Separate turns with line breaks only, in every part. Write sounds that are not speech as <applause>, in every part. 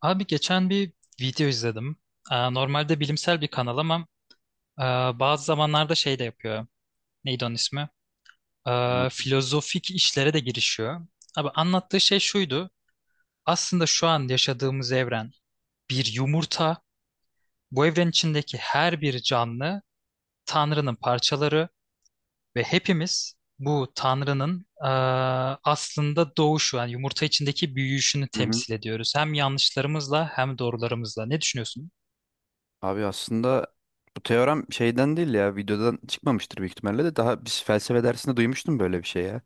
Abi geçen bir video izledim. Normalde bilimsel bir kanal ama e, bazı zamanlarda şey de yapıyor. Neydi onun ismi?
Ne yapayım?
Filozofik işlere de girişiyor. Abi anlattığı şey şuydu. Aslında şu an yaşadığımız evren bir yumurta. Bu evren içindeki her bir canlı Tanrı'nın parçaları ve hepimiz bu Tanrı'nın aslında doğuşu, yani yumurta içindeki büyüyüşünü
Hı hı.
temsil ediyoruz. Hem yanlışlarımızla hem doğrularımızla. Ne düşünüyorsun?
Abi aslında bu teorem şeyden değil ya, videodan çıkmamıştır büyük ihtimalle de, daha biz felsefe dersinde duymuştum böyle bir şey ya.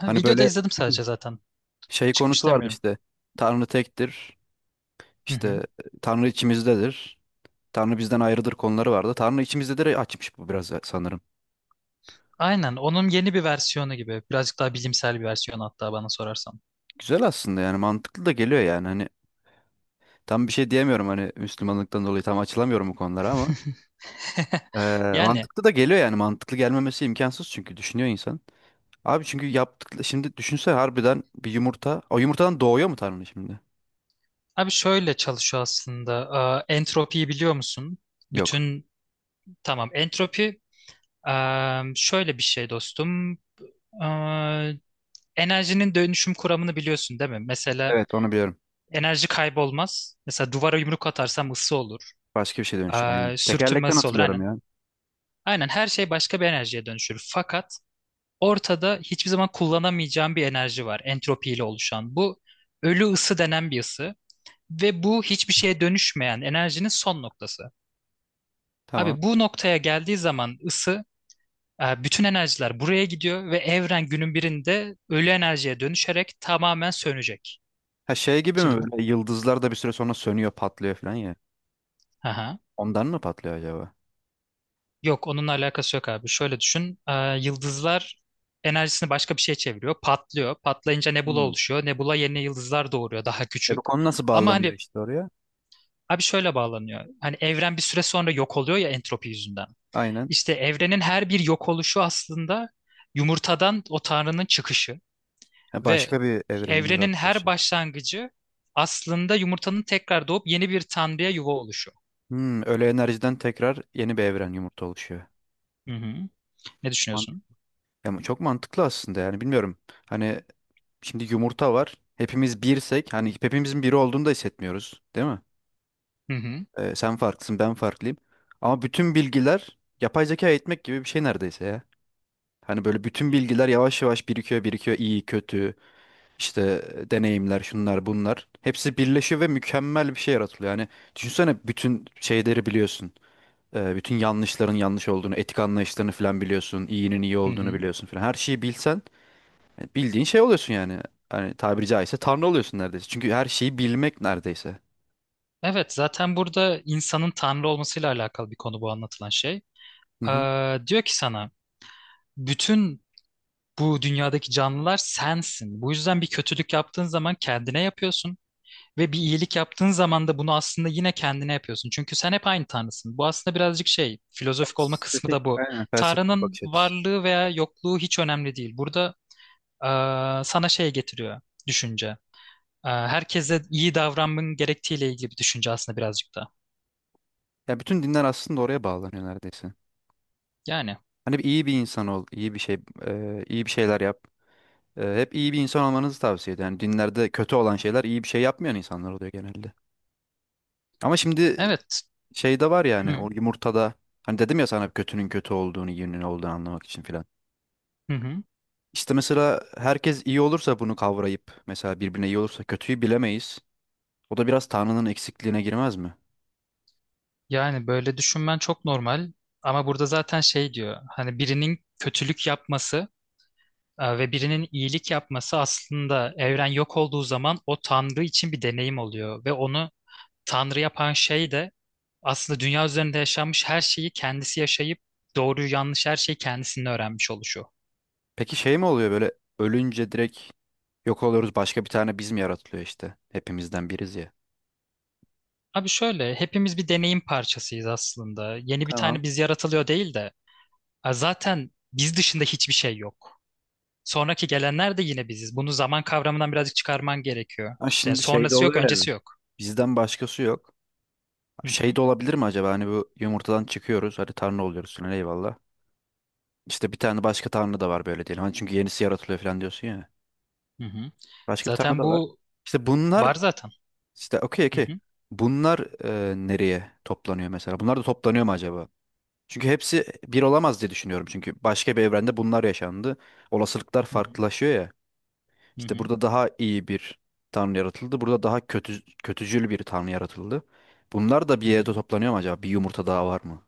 Ha,
Hani
videoda
böyle
izledim sadece zaten.
<clears throat> şey
Çıkmış
konusu vardı,
demiyorum.
işte Tanrı tektir,
Hı hı.
işte Tanrı içimizdedir, Tanrı bizden ayrıdır konuları vardı. Tanrı içimizdedir açmış bu biraz sanırım.
Aynen, onun yeni bir versiyonu gibi. Birazcık daha bilimsel bir versiyonu hatta bana sorarsan.
Güzel aslında, yani mantıklı da geliyor, yani hani tam bir şey diyemiyorum, hani Müslümanlıktan dolayı tam açılamıyorum bu konulara ama
<laughs> Yani
mantıklı da geliyor yani, mantıklı gelmemesi imkansız çünkü düşünüyor insan. Abi çünkü yaptıkları, şimdi düşünsene harbiden bir yumurta. O yumurtadan doğuyor mu Tanrı şimdi?
abi şöyle çalışıyor aslında. Aa, entropiyi biliyor musun?
Yok.
Bütün tamam, entropi. Aa, şöyle bir şey dostum. Aa, enerjinin dönüşüm kuramını biliyorsun değil mi? Mesela
Evet, onu biliyorum.
enerji kaybolmaz. Mesela duvara yumruk atarsam ısı olur.
Başka bir şey dönüşür. Aynen.
Aa, sürtünme
Tekerlekten
ısı olur
hatırlıyorum
aynen.
ya.
Aynen, her şey başka bir enerjiye dönüşür. Fakat ortada hiçbir zaman kullanamayacağım bir enerji var entropiyle oluşan. Bu ölü ısı denen bir ısı ve bu hiçbir şeye dönüşmeyen enerjinin son noktası.
Tamam.
Abi bu noktaya geldiği zaman ısı, bütün enerjiler buraya gidiyor ve evren günün birinde ölü enerjiye dönüşerek tamamen sönecek.
Ha, şey gibi
Şimdi
mi,
bu.
böyle yıldızlar da bir süre sonra sönüyor patlıyor falan ya.
Aha.
Ondan mı patlıyor acaba?
Yok, onunla alakası yok abi. Şöyle düşün. Yıldızlar enerjisini başka bir şeye çeviriyor. Patlıyor. Patlayınca nebula
Hmm.
oluşuyor. Nebula yeni yıldızlar doğuruyor, daha
E,
küçük.
bu konu nasıl
Ama
bağlanıyor
hani,
işte oraya?
abi şöyle bağlanıyor. Hani evren bir süre sonra yok oluyor ya entropi yüzünden.
Aynen.
İşte evrenin her bir yok oluşu aslında yumurtadan o tanrının çıkışı
Ha,
ve
başka bir evrenin
evrenin her
yaratılışı.
başlangıcı aslında yumurtanın tekrar doğup yeni bir tanrıya yuva oluşu.
Hmm, öyle enerjiden tekrar yeni bir evren yumurta oluşuyor.
Hı hı. Ne
Man-
düşünüyorsun?
Ya, çok mantıklı aslında, yani bilmiyorum. Hani şimdi yumurta var. Hepimiz birsek, hani hepimizin biri olduğunu da hissetmiyoruz, değil mi?
Hı hı.
Sen farklısın, ben farklıyım. Ama bütün bilgiler yapay zeka eğitmek gibi bir şey neredeyse ya. Hani böyle bütün bilgiler yavaş yavaş birikiyor, birikiyor. İyi, kötü, işte e, deneyimler, şunlar, bunlar. Hepsi birleşiyor ve mükemmel bir şey yaratılıyor. Yani düşünsene, bütün şeyleri biliyorsun. Bütün yanlışların yanlış olduğunu, etik anlayışlarını falan biliyorsun. İyinin iyi
Hı
olduğunu
hı.
biliyorsun falan. Her şeyi bilsen, bildiğin şey oluyorsun yani. Hani tabiri caizse tanrı oluyorsun neredeyse. Çünkü her şeyi bilmek neredeyse.
Evet, zaten burada insanın tanrı olmasıyla alakalı bir konu bu anlatılan şey.
Hı hı.
Diyor ki sana bütün bu dünyadaki canlılar sensin. Bu yüzden bir kötülük yaptığın zaman kendine yapıyorsun. Ve bir iyilik yaptığın zaman da bunu aslında yine kendine yapıyorsun. Çünkü sen hep aynı Tanrısın. Bu aslında birazcık şey, filozofik olma kısmı
Felsefik,
da bu.
aynen felsefik bir
Tanrı'nın
bakış açısı.
varlığı veya yokluğu hiç önemli değil. Burada sana şey getiriyor, düşünce. Herkese iyi davranmanın gerektiğiyle ilgili bir düşünce aslında birazcık da.
Ya bütün dinler aslında oraya bağlanıyor neredeyse.
Yani
Hani bir iyi bir insan ol, iyi bir şey, e, iyi bir şeyler yap. E, hep iyi bir insan olmanızı tavsiye ediyor. Yani dinlerde kötü olan şeyler iyi bir şey yapmayan insanlar oluyor genelde. Ama şimdi
evet.
şey de var
Hı,
yani, o yumurtada, hani dedim ya sana kötünün kötü olduğunu, iyinin olduğunu anlamak için filan.
hı, hı.
İşte mesela herkes iyi olursa, bunu kavrayıp mesela birbirine iyi olursa kötüyü bilemeyiz. O da biraz Tanrı'nın eksikliğine girmez mi?
Yani böyle düşünmen çok normal. Ama burada zaten şey diyor. Hani birinin kötülük yapması, ve birinin iyilik yapması aslında evren yok olduğu zaman o Tanrı için bir deneyim oluyor. Ve onu Tanrı yapan şey de aslında dünya üzerinde yaşanmış her şeyi kendisi yaşayıp doğruyu yanlış her şeyi kendisinin öğrenmiş oluşu.
Peki şey mi oluyor böyle, ölünce direkt yok oluyoruz, başka bir tane biz mi yaratılıyor işte? Hepimizden biriz ya.
Abi şöyle, hepimiz bir deneyim parçasıyız aslında. Yeni bir
Tamam.
tane biz yaratılıyor değil de, zaten biz dışında hiçbir şey yok. Sonraki gelenler de yine biziz. Bunu zaman kavramından birazcık çıkarman gerekiyor.
Ha
Yani
şimdi şey de
sonrası yok,
oluyor ya.
öncesi yok.
Bizden başkası yok.
Hı
Şey
hı,
de olabilir mi acaba, hani bu yumurtadan çıkıyoruz, hadi Tanrı oluyoruz falan, eyvallah. İşte bir tane başka Tanrı da var böyle diyelim. Hani çünkü yenisi yaratılıyor falan diyorsun ya.
hı hı.
Başka bir Tanrı
Zaten
da var.
bu
İşte
var
bunlar,
zaten.
işte okey
Hı
okey.
hı.
Bunlar e, nereye toplanıyor mesela? Bunlar da toplanıyor mu acaba? Çünkü hepsi bir olamaz diye düşünüyorum. Çünkü başka bir evrende bunlar yaşandı. Olasılıklar
Hı hı,
farklılaşıyor ya.
hı
İşte
hı,
burada daha iyi bir tanrı yaratıldı. Burada daha kötü, kötücül bir tanrı yaratıldı. Bunlar da bir
hı hı.
yerde toplanıyor mu acaba? Bir yumurta daha var mı?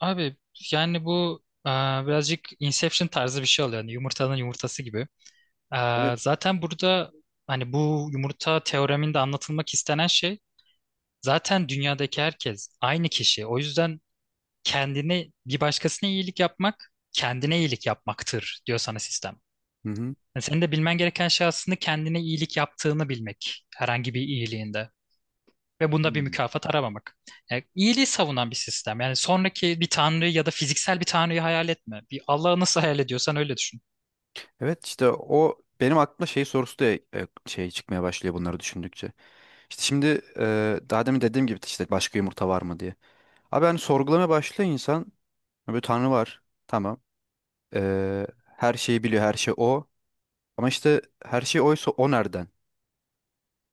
Abi yani bu, birazcık Inception tarzı bir şey oluyor. Yani yumurtanın yumurtası gibi. E,
Evet.
zaten burada hani bu yumurta teoreminde anlatılmak istenen şey zaten dünyadaki herkes aynı kişi. O yüzden kendine bir başkasına iyilik yapmak kendine iyilik yapmaktır diyor sana sistem.
Hı hı.
Yani senin de bilmen gereken şey aslında kendine iyilik yaptığını bilmek herhangi bir iyiliğinde. Ve bunda bir
Hmm.
mükafat aramamak. Yani iyiliği savunan bir sistem. Yani sonraki bir tanrıyı ya da fiziksel bir tanrıyı hayal etme. Bir Allah'ı nasıl hayal ediyorsan öyle düşün.
Evet işte o benim aklıma şey sorusu da e, şey çıkmaya başlıyor bunları düşündükçe. İşte şimdi e, daha demin dediğim gibi işte başka yumurta var mı diye. Abi hani sorgulamaya başlıyor insan. Böyle Tanrı var. Tamam. E, her şeyi biliyor. Her şey o. Ama işte her şey oysa o nereden,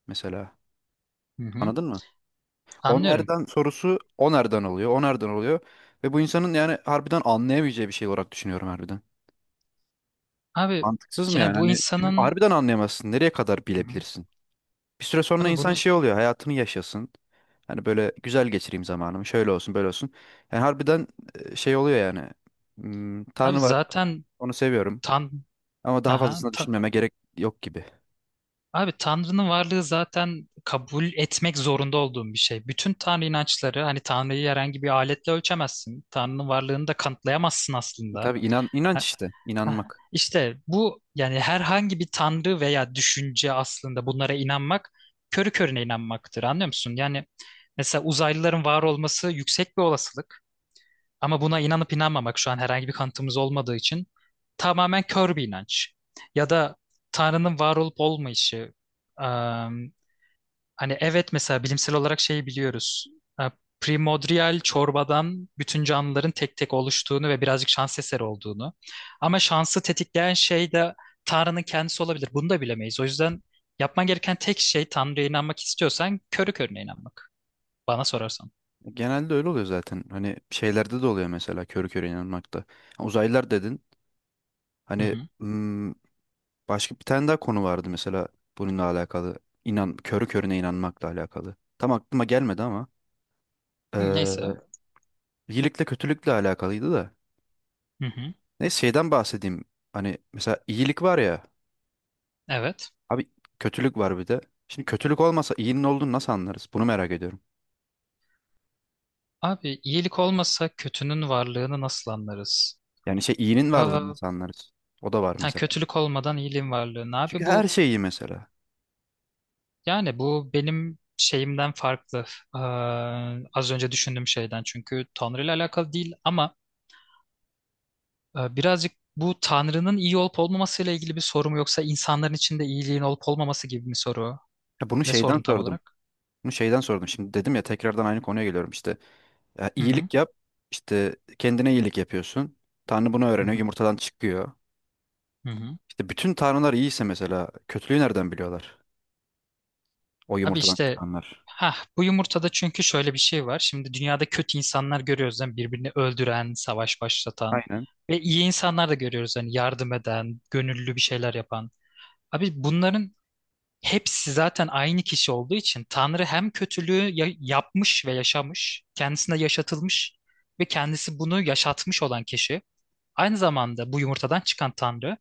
mesela.
Hı hı.
Anladın mı? O
Anlıyorum.
nereden sorusu, o nereden oluyor, o nereden oluyor. Ve bu insanın yani harbiden anlayamayacağı bir şey olarak düşünüyorum harbiden.
Abi
Mantıksız mı yani?
yani bu
Hani çünkü
insanın
harbiden anlayamazsın. Nereye kadar
Hı hı.
bilebilirsin? Bir süre sonra
abi bunu
insan şey oluyor, hayatını yaşasın. Hani böyle güzel geçireyim zamanımı, şöyle olsun, böyle olsun. Yani harbiden e, şey oluyor yani. Hmm,
abi
Tanrı var,
zaten
onu seviyorum.
tan
Ama daha
Aha,
fazlasını
ta-
düşünmeme gerek yok gibi.
abi Tanrı'nın varlığı zaten kabul etmek zorunda olduğum bir şey. Bütün Tanrı inançları hani Tanrı'yı herhangi bir aletle ölçemezsin. Tanrı'nın varlığını da kanıtlayamazsın
E
aslında.
tabii, inan, inanç işte,
Hah,
inanmak.
İşte bu yani herhangi bir tanrı veya düşünce aslında bunlara inanmak körü körüne inanmaktır, anlıyor musun? Yani mesela uzaylıların var olması yüksek bir olasılık ama buna inanıp inanmamak şu an herhangi bir kanıtımız olmadığı için tamamen kör bir inanç. Ya da tanrının var olup olmayışı. Hani evet mesela bilimsel olarak şeyi biliyoruz. Ha, primordial çorbadan bütün canlıların tek tek oluştuğunu ve birazcık şans eseri olduğunu. Ama şansı tetikleyen şey de Tanrı'nın kendisi olabilir. Bunu da bilemeyiz. O yüzden yapman gereken tek şey, Tanrı'ya inanmak istiyorsan körü körüne inanmak. Bana sorarsan.
Genelde öyle oluyor zaten. Hani şeylerde de oluyor mesela, körü körü inanmakta. Ha, Uzaylılar dedin.
Hı
Hani
hı. Hı.
hmm, başka bir tane daha konu vardı mesela bununla alakalı. İnan, körü körüne inanmakla alakalı. Tam aklıma gelmedi ama
Neyse.
eee, iyilikle kötülükle alakalıydı da.
Hı hı.
Neyse, şeyden bahsedeyim. Hani mesela iyilik var ya.
Evet.
Abi kötülük var bir de. Şimdi kötülük olmasa iyinin olduğunu nasıl anlarız? Bunu merak ediyorum.
Abi iyilik olmasa kötünün varlığını nasıl anlarız?
Yani şey, iyinin varlığını
Aa,
nasıl anlarız? O da var
ha,
mesela.
kötülük olmadan iyiliğin varlığını.
Çünkü
Abi
her
bu
şey iyi mesela.
Yani bu benim şeyimden farklı. Ee, Az önce düşündüğüm şeyden, çünkü Tanrı ile alakalı değil ama birazcık bu Tanrı'nın iyi olup olmamasıyla ilgili bir soru mu, yoksa insanların içinde iyiliğin olup olmaması gibi bir soru?
Ya bunu
Ne
şeyden
sordun tam
sordum.
olarak?
Bunu şeyden sordum. Şimdi dedim ya, tekrardan aynı konuya geliyorum işte. Ya,
Hı hı.
iyilik yap. İşte kendine iyilik yapıyorsun. Tanrı bunu
Hı
öğreniyor.
hı.
Yumurtadan çıkıyor.
Hı hı.
İşte bütün tanrılar iyiyse mesela kötülüğü nereden biliyorlar? O
Abi
yumurtadan
işte,
çıkanlar.
ha, bu yumurtada çünkü şöyle bir şey var. Şimdi dünyada kötü insanlar görüyoruz, yani birbirini öldüren, savaş başlatan
Aynen.
ve iyi insanlar da görüyoruz, hani yardım eden, gönüllü bir şeyler yapan. Abi bunların hepsi zaten aynı kişi olduğu için Tanrı hem kötülüğü yapmış ve yaşamış, kendisine yaşatılmış ve kendisi bunu yaşatmış olan kişi. Aynı zamanda bu yumurtadan çıkan Tanrı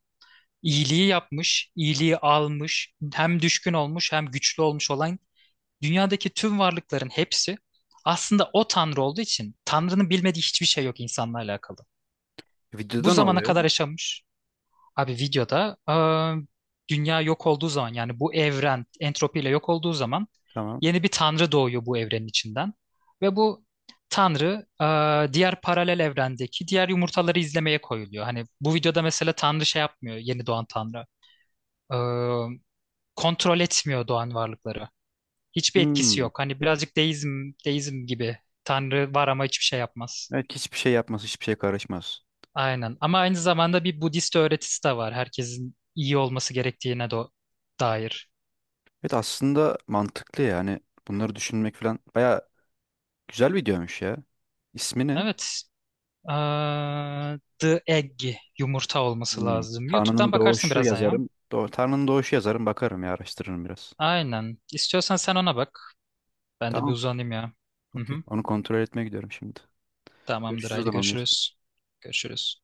iyiliği yapmış, iyiliği almış, hem düşkün olmuş hem güçlü olmuş olan dünyadaki tüm varlıkların hepsi aslında o Tanrı olduğu için Tanrı'nın bilmediği hiçbir şey yok insanla alakalı. Bu
Videoda ne
zamana
oluyor?
kadar yaşamış, abi videoda dünya yok olduğu zaman, yani bu evren entropiyle yok olduğu zaman
Tamam.
yeni bir tanrı doğuyor bu evrenin içinden. Ve bu tanrı diğer paralel evrendeki diğer yumurtaları izlemeye koyuluyor. Hani bu videoda mesela tanrı şey yapmıyor, yeni doğan tanrı. Eee, Kontrol etmiyor doğan varlıkları. Hiçbir etkisi
Hmm.
yok. Hani birazcık deizm gibi, tanrı var ama hiçbir şey yapmaz.
Evet, hiçbir şey yapmaz, hiçbir şey karışmaz.
Aynen. Ama aynı zamanda bir Budist öğretisi de var. Herkesin iyi olması gerektiğine de dair.
Evet aslında mantıklı yani. Bunları düşünmek falan baya güzel videoymuş ya. İsmi ne?
Evet. Aa, The Egg, yumurta olması
Hmm.
lazım.
Tanrı'nın
YouTube'dan bakarsın
Doğuşu
birazdan ya.
yazarım. Tanrı'nın Doğuşu yazarım, bakarım ya, araştırırım biraz.
Aynen. İstiyorsan sen ona bak. Ben de bir
Tamam.
uzanayım ya. Hı
Okey.
hı.
Onu kontrol etmeye gidiyorum şimdi.
Tamamdır.
Görüşürüz o
Haydi
zaman.
görüşürüz. Görüşürüz.